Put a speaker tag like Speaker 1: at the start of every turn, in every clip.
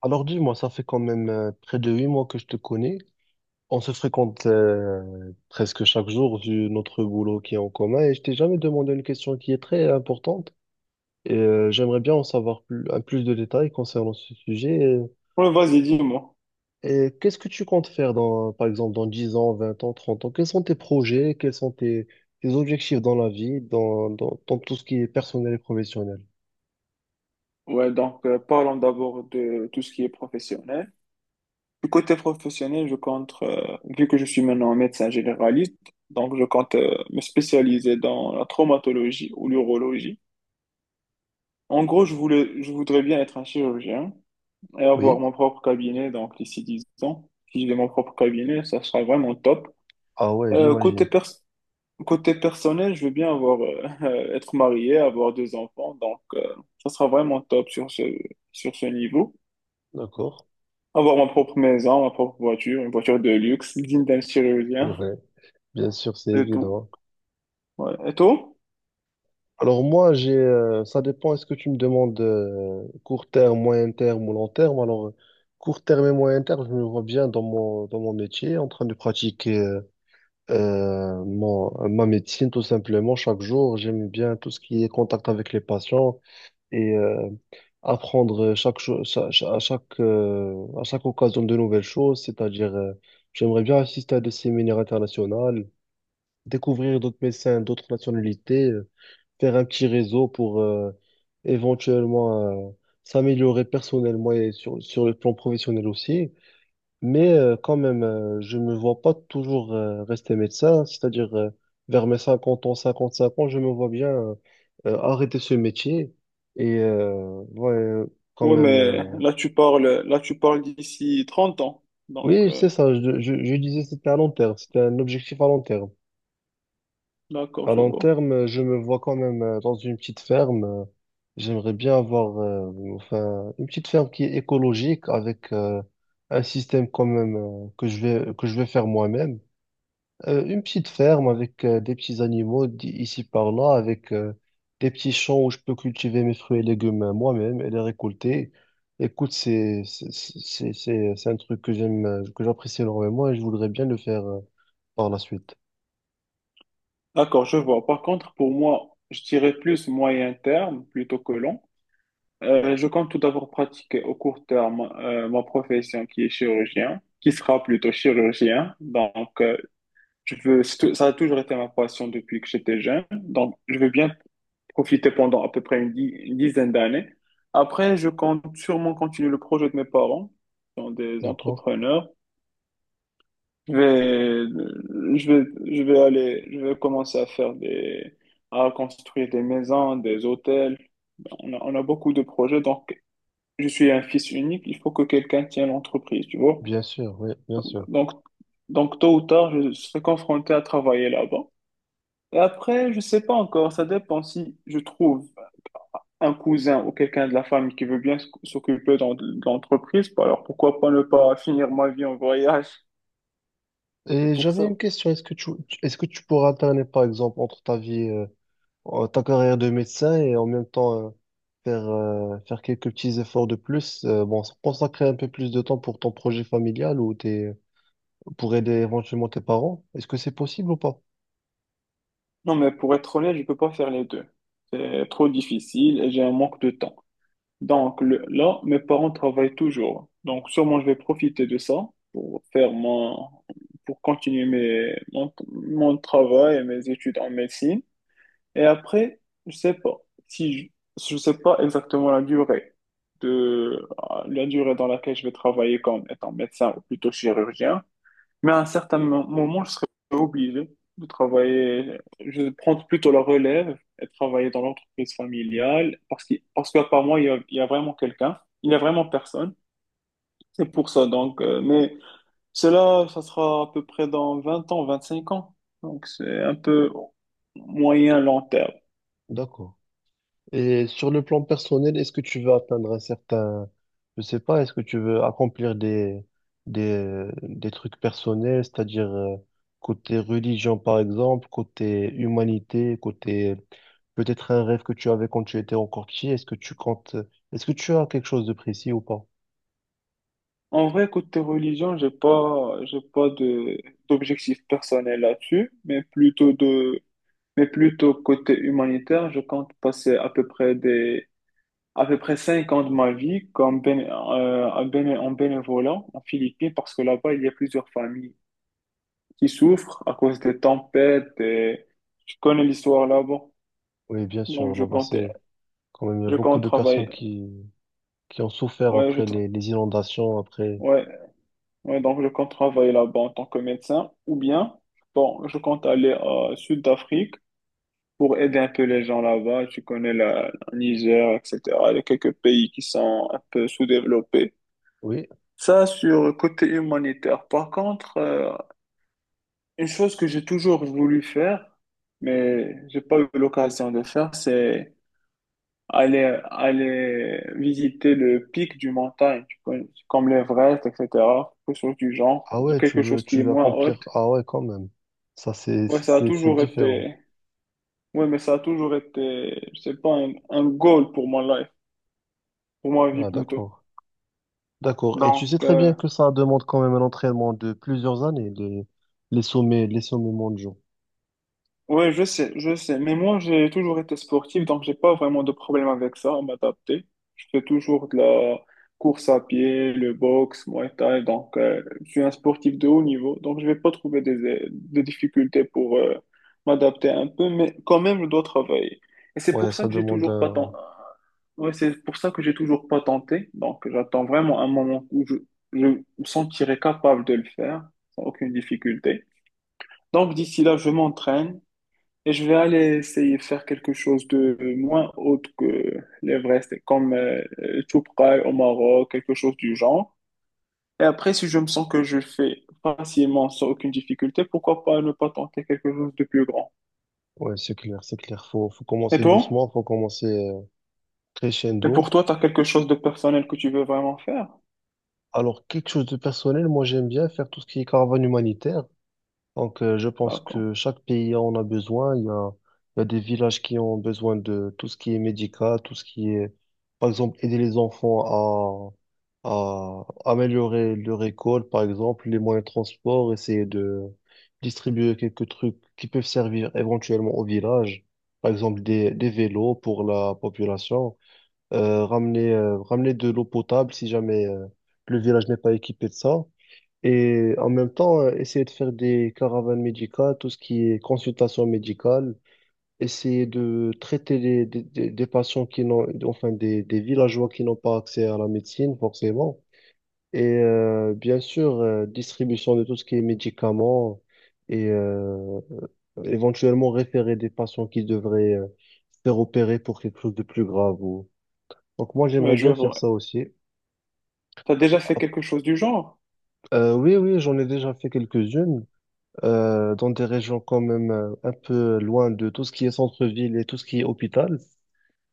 Speaker 1: Alors dis-moi, ça fait quand même près de 8 mois que je te connais. On se fréquente presque chaque jour vu notre boulot qui est en commun et je t'ai jamais demandé une question qui est très importante. J'aimerais bien en savoir plus, un plus de détails concernant ce sujet.
Speaker 2: Ouais, vas-y, dis-moi.
Speaker 1: Et qu'est-ce que tu comptes faire dans, par exemple, dans 10 ans, 20 ans, 30 ans? Quels sont tes projets? Quels sont tes, tes objectifs dans la vie, dans tout ce qui est personnel et professionnel?
Speaker 2: Ouais, donc parlons d'abord de tout ce qui est professionnel. Du côté professionnel, je compte, vu que je suis maintenant médecin généraliste, donc je compte me spécialiser dans la traumatologie ou l'urologie. En gros, je voudrais bien être un chirurgien et avoir
Speaker 1: Oui.
Speaker 2: mon propre cabinet, donc d'ici 10 ans. Si j'ai mon propre cabinet, ça sera vraiment top.
Speaker 1: Ah ouais,
Speaker 2: Euh,
Speaker 1: j'imagine.
Speaker 2: côté, pers- Côté personnel, je veux bien avoir, être marié, avoir 2 enfants, donc ça sera vraiment top sur ce niveau.
Speaker 1: D'accord.
Speaker 2: Avoir ma propre maison, ma propre voiture, une voiture de luxe, digne d'un chirurgien,
Speaker 1: Ouais, bien sûr, c'est
Speaker 2: et tout.
Speaker 1: évident.
Speaker 2: Ouais. Et toi?
Speaker 1: Alors moi, ça dépend, est-ce que tu me demandes court terme, moyen terme ou long terme? Court terme et moyen terme, je me vois bien dans mon métier, en train de pratiquer ma médecine tout simplement chaque jour. J'aime bien tout ce qui est contact avec les patients et apprendre chaque, cho- cha- cha- à chaque occasion de nouvelles choses, c'est-à-dire j'aimerais bien assister à des séminaires internationaux, découvrir d'autres médecins, d'autres nationalités. Faire un petit réseau pour éventuellement euh, s'améliorer personnellement et sur le plan professionnel aussi. Mais quand même, je me vois pas toujours rester médecin, c'est-à-dire vers mes 50 ans, 55 ans, je me vois bien arrêter ce métier. Et euh, ouais, euh, quand
Speaker 2: Ouais,
Speaker 1: même,
Speaker 2: mais
Speaker 1: euh,
Speaker 2: là, tu parles d'ici 30 ans. Donc,
Speaker 1: oui, c'est ça, je disais c'était à long terme, c'était un objectif à long terme.
Speaker 2: d'accord,
Speaker 1: À
Speaker 2: je
Speaker 1: long
Speaker 2: vois.
Speaker 1: terme, je me vois quand même dans une petite ferme. J'aimerais bien avoir enfin, une petite ferme qui est écologique avec un système quand même que je vais faire moi-même. Une petite ferme avec des petits animaux d- ici par là, avec des petits champs où je peux cultiver mes fruits et légumes moi-même et les récolter. Écoute, c'est un truc que j'aime, que j'apprécie énormément et je voudrais bien le faire par la suite.
Speaker 2: D'accord, je vois. Par contre, pour moi, je dirais plus moyen terme plutôt que long. Je compte tout d'abord pratiquer au court terme ma profession qui sera plutôt chirurgien. Donc, je veux, ça a toujours été ma passion depuis que j'étais jeune. Donc, je veux bien profité pendant à peu près une 10aine d'années. Après, je compte sûrement continuer le projet de mes parents, qui sont des
Speaker 1: D'accord?
Speaker 2: entrepreneurs. Je vais, je vais, je vais aller, je vais commencer à à construire des maisons, des hôtels. On a beaucoup de projets, donc je suis un fils unique. Il faut que quelqu'un tienne l'entreprise, tu vois.
Speaker 1: Bien sûr, oui, bien sûr.
Speaker 2: Donc, donc tôt ou tard, je serai confronté à travailler là-bas. Et après, je sais pas encore, ça dépend si je trouve un cousin ou quelqu'un de la famille qui veut bien de l'entreprise, bah alors pourquoi pas ne pas finir ma vie en voyage? C'est
Speaker 1: Et
Speaker 2: pour
Speaker 1: j'avais une
Speaker 2: ça.
Speaker 1: question, est-ce que tu pourras alterner, par exemple, entre ta vie, ta carrière de médecin et en même temps, faire quelques petits efforts de plus, bon, consacrer un peu plus de temps pour ton projet familial ou tes, pour aider éventuellement tes parents? Est-ce que c'est possible ou pas?
Speaker 2: Non, mais pour être honnête, je peux pas faire les deux. C'est trop difficile et j'ai un manque de temps. Donc là, mes parents travaillent toujours. Donc sûrement, je vais profiter de ça pour pour continuer mon travail et mes études en médecine. Et après, je sais pas si je sais pas exactement la durée de la durée dans laquelle je vais travailler comme étant médecin ou plutôt chirurgien, mais à un certain moment, je serai obligé de travailler, je vais prendre plutôt la relève et travailler dans l'entreprise familiale parce qu'à part moi, il y a vraiment quelqu'un, il y a vraiment personne. C'est pour ça donc mais cela ça sera à peu près dans 20 ans, 25 ans. Donc c'est un peu moyen long terme.
Speaker 1: D'accord. Et sur le plan personnel, est-ce que tu veux atteindre un certain, je sais pas, est-ce que tu veux accomplir des, des trucs personnels, c'est-à-dire côté religion par exemple, côté humanité, côté peut-être un rêve que tu avais quand tu étais encore petit, est-ce que tu comptes, est-ce que tu as quelque chose de précis ou pas?
Speaker 2: En vrai, côté religion, j'ai pas de, d'objectif personnel là-dessus, mais plutôt côté humanitaire, je compte passer à peu près 5 ans de ma vie comme en bénévolat en Philippines, parce que là-bas, il y a plusieurs familles qui souffrent à cause des tempêtes et je connais l'histoire là-bas.
Speaker 1: Oui, bien
Speaker 2: Donc,
Speaker 1: sûr, là-bas c'est quand même, il y a
Speaker 2: je
Speaker 1: beaucoup
Speaker 2: compte
Speaker 1: de personnes
Speaker 2: travailler.
Speaker 1: qui ont souffert
Speaker 2: Ouais,
Speaker 1: après les inondations, après,
Speaker 2: ouais. Ouais, donc je compte travailler là-bas en tant que médecin ou bien, bon, je compte aller au Sud d'Afrique pour aider un peu les gens là-bas. Tu connais le Niger, etc. Il y a quelques pays qui sont un peu sous-développés.
Speaker 1: oui.
Speaker 2: Ça, sur le côté humanitaire. Par contre, une chose que j'ai toujours voulu faire, mais j'ai pas eu l'occasion de faire, c'est aller visiter le pic du montagne, tu connais, comme l'Everest, etc. Quelque chose du genre,
Speaker 1: Ah ouais,
Speaker 2: quelque chose
Speaker 1: tu
Speaker 2: qui est
Speaker 1: veux
Speaker 2: moins
Speaker 1: accomplir.
Speaker 2: haute.
Speaker 1: Ah ouais, quand même. Ça,
Speaker 2: Ouais,
Speaker 1: c'est différent.
Speaker 2: ça a toujours été, je sais pas, un goal pour mon life, pour ma vie
Speaker 1: Ah,
Speaker 2: plutôt.
Speaker 1: d'accord. D'accord. Et tu
Speaker 2: Donc,
Speaker 1: sais très bien que ça demande quand même un entraînement de plusieurs années, les sommets mondiaux.
Speaker 2: ouais, je sais, je sais. Mais moi, j'ai toujours été sportif, donc j'ai pas vraiment de problème avec ça, à m'adapter. Je fais toujours de la course à pied, le boxe, Muay Thai, donc je suis un sportif de haut niveau, donc je vais pas trouver des difficultés pour m'adapter un peu, mais quand même, je dois travailler. Et c'est
Speaker 1: Ouais,
Speaker 2: pour ça
Speaker 1: ça
Speaker 2: que j'ai
Speaker 1: demande
Speaker 2: toujours pas
Speaker 1: un…
Speaker 2: tenté. Ouais, c'est pour ça que j'ai toujours pas tenté. Donc, j'attends vraiment un moment où je me sentirai capable de le faire sans aucune difficulté. Donc, d'ici là, je m'entraîne, et je vais aller essayer de faire quelque chose de moins haute que l'Everest, comme Toubkal au Maroc, quelque chose du genre. Et après, si je me sens que je le fais facilement sans aucune difficulté, pourquoi pas ne pas tenter quelque chose de plus grand?
Speaker 1: Ouais, c'est clair, c'est clair. Faut, faut
Speaker 2: Et
Speaker 1: commencer
Speaker 2: toi?
Speaker 1: doucement, faut commencer
Speaker 2: Et pour
Speaker 1: crescendo.
Speaker 2: toi, tu as quelque chose de personnel que tu veux vraiment faire?
Speaker 1: Alors, quelque chose de personnel, moi, j'aime bien faire tout ce qui est caravane humanitaire. Donc, je pense
Speaker 2: D'accord.
Speaker 1: que chaque pays en a besoin. Il y a des villages qui ont besoin de tout ce qui est médical, tout ce qui est, par exemple, aider les enfants à améliorer leur école, par exemple, les moyens de transport, essayer de distribuer quelques trucs qui peuvent servir éventuellement au village, par exemple des vélos pour la population ramener de l'eau potable si jamais le village n'est pas équipé de ça. Et en même temps, essayer de faire des caravanes médicales, tout ce qui est consultation médicale, essayer de traiter les- des patients qui n'ont, enfin des villageois qui n'ont pas accès à la médecine forcément. Et bien sûr, distribution de tout ce qui est médicaments et éventuellement référer des patients qui devraient se faire opérer pour quelque chose de plus grave donc moi j'aimerais
Speaker 2: Oui, je
Speaker 1: bien faire ça
Speaker 2: vois.
Speaker 1: aussi.
Speaker 2: Tu as déjà fait
Speaker 1: Ah,
Speaker 2: quelque chose du genre?
Speaker 1: Oui, oui, j'en ai déjà fait quelques-unes dans des régions quand même un peu loin de tout ce qui est centre-ville et tout ce qui est hôpital.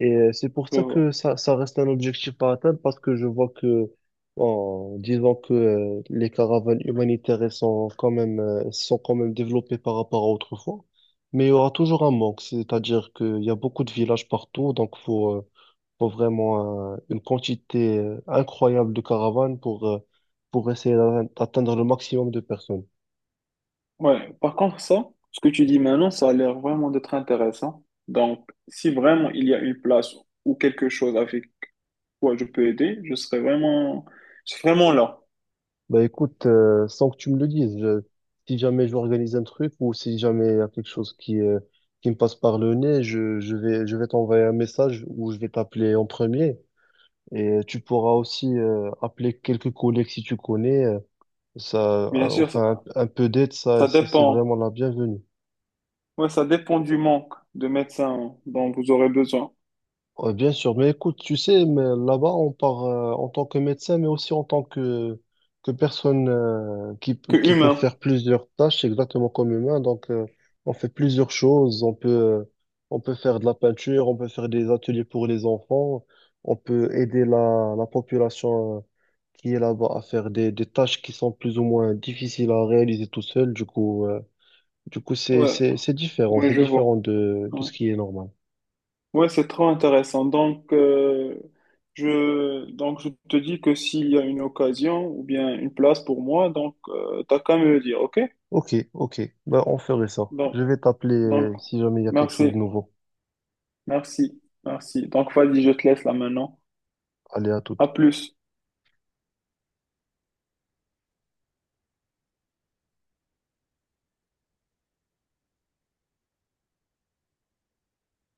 Speaker 1: Et c'est pour
Speaker 2: Je
Speaker 1: ça
Speaker 2: vois.
Speaker 1: que ça reste un objectif à atteindre parce que je vois que en disant que les caravanes humanitaires elles sont quand même développées par rapport à autrefois, mais il y aura toujours un manque, c'est-à-dire qu'il y a beaucoup de villages partout, donc faut faut vraiment une quantité incroyable de caravanes pour essayer d'atte- d'atteindre le maximum de personnes.
Speaker 2: Ouais. Par contre, ça, ce que tu dis maintenant, ça a l'air vraiment d'être intéressant. Donc, si vraiment il y a une place ou quelque chose avec quoi je peux aider, je serai vraiment là.
Speaker 1: Bah écoute, sans que tu me le dises, je- si jamais je organise un truc ou si jamais il y a quelque chose qui me passe par le nez, je, je vais t'envoyer un message ou je vais t'appeler en premier. Et tu pourras aussi appeler quelques collègues si tu connais. Ça,
Speaker 2: Bien sûr, ça,
Speaker 1: enfin, un peu d'aide, ça,
Speaker 2: ça
Speaker 1: c'est
Speaker 2: dépend.
Speaker 1: vraiment la bienvenue.
Speaker 2: Ouais, ça dépend du manque de médecins dont vous aurez besoin.
Speaker 1: Ouais, bien sûr, mais écoute, tu sais, mais là-bas, on part en tant que médecin, mais aussi en tant que personne
Speaker 2: Que
Speaker 1: qui peut
Speaker 2: humain.
Speaker 1: faire plusieurs tâches exactement comme humain. Donc, on fait plusieurs choses. On peut faire de la peinture, on peut faire des ateliers pour les enfants, on peut aider la, la population qui est là-bas à faire des tâches qui sont plus ou moins difficiles à réaliser tout seul. Du coup,
Speaker 2: Ouais, ouais,
Speaker 1: c'est
Speaker 2: je
Speaker 1: différent
Speaker 2: vois.
Speaker 1: de
Speaker 2: Ouais,
Speaker 1: ce qui est normal.
Speaker 2: ouais, c'est trop intéressant. Donc, donc, je te dis que s'il y a une occasion ou bien une place pour moi, donc, t'as qu'à me le dire, ok?
Speaker 1: Ok, ok. Bah, on ferait ça. Je
Speaker 2: Donc,
Speaker 1: vais t'appeler
Speaker 2: donc,
Speaker 1: si jamais il y a quelque chose
Speaker 2: merci,
Speaker 1: de nouveau.
Speaker 2: merci. Donc, vas-y, je te laisse là maintenant.
Speaker 1: Allez, à
Speaker 2: À
Speaker 1: toute.
Speaker 2: plus.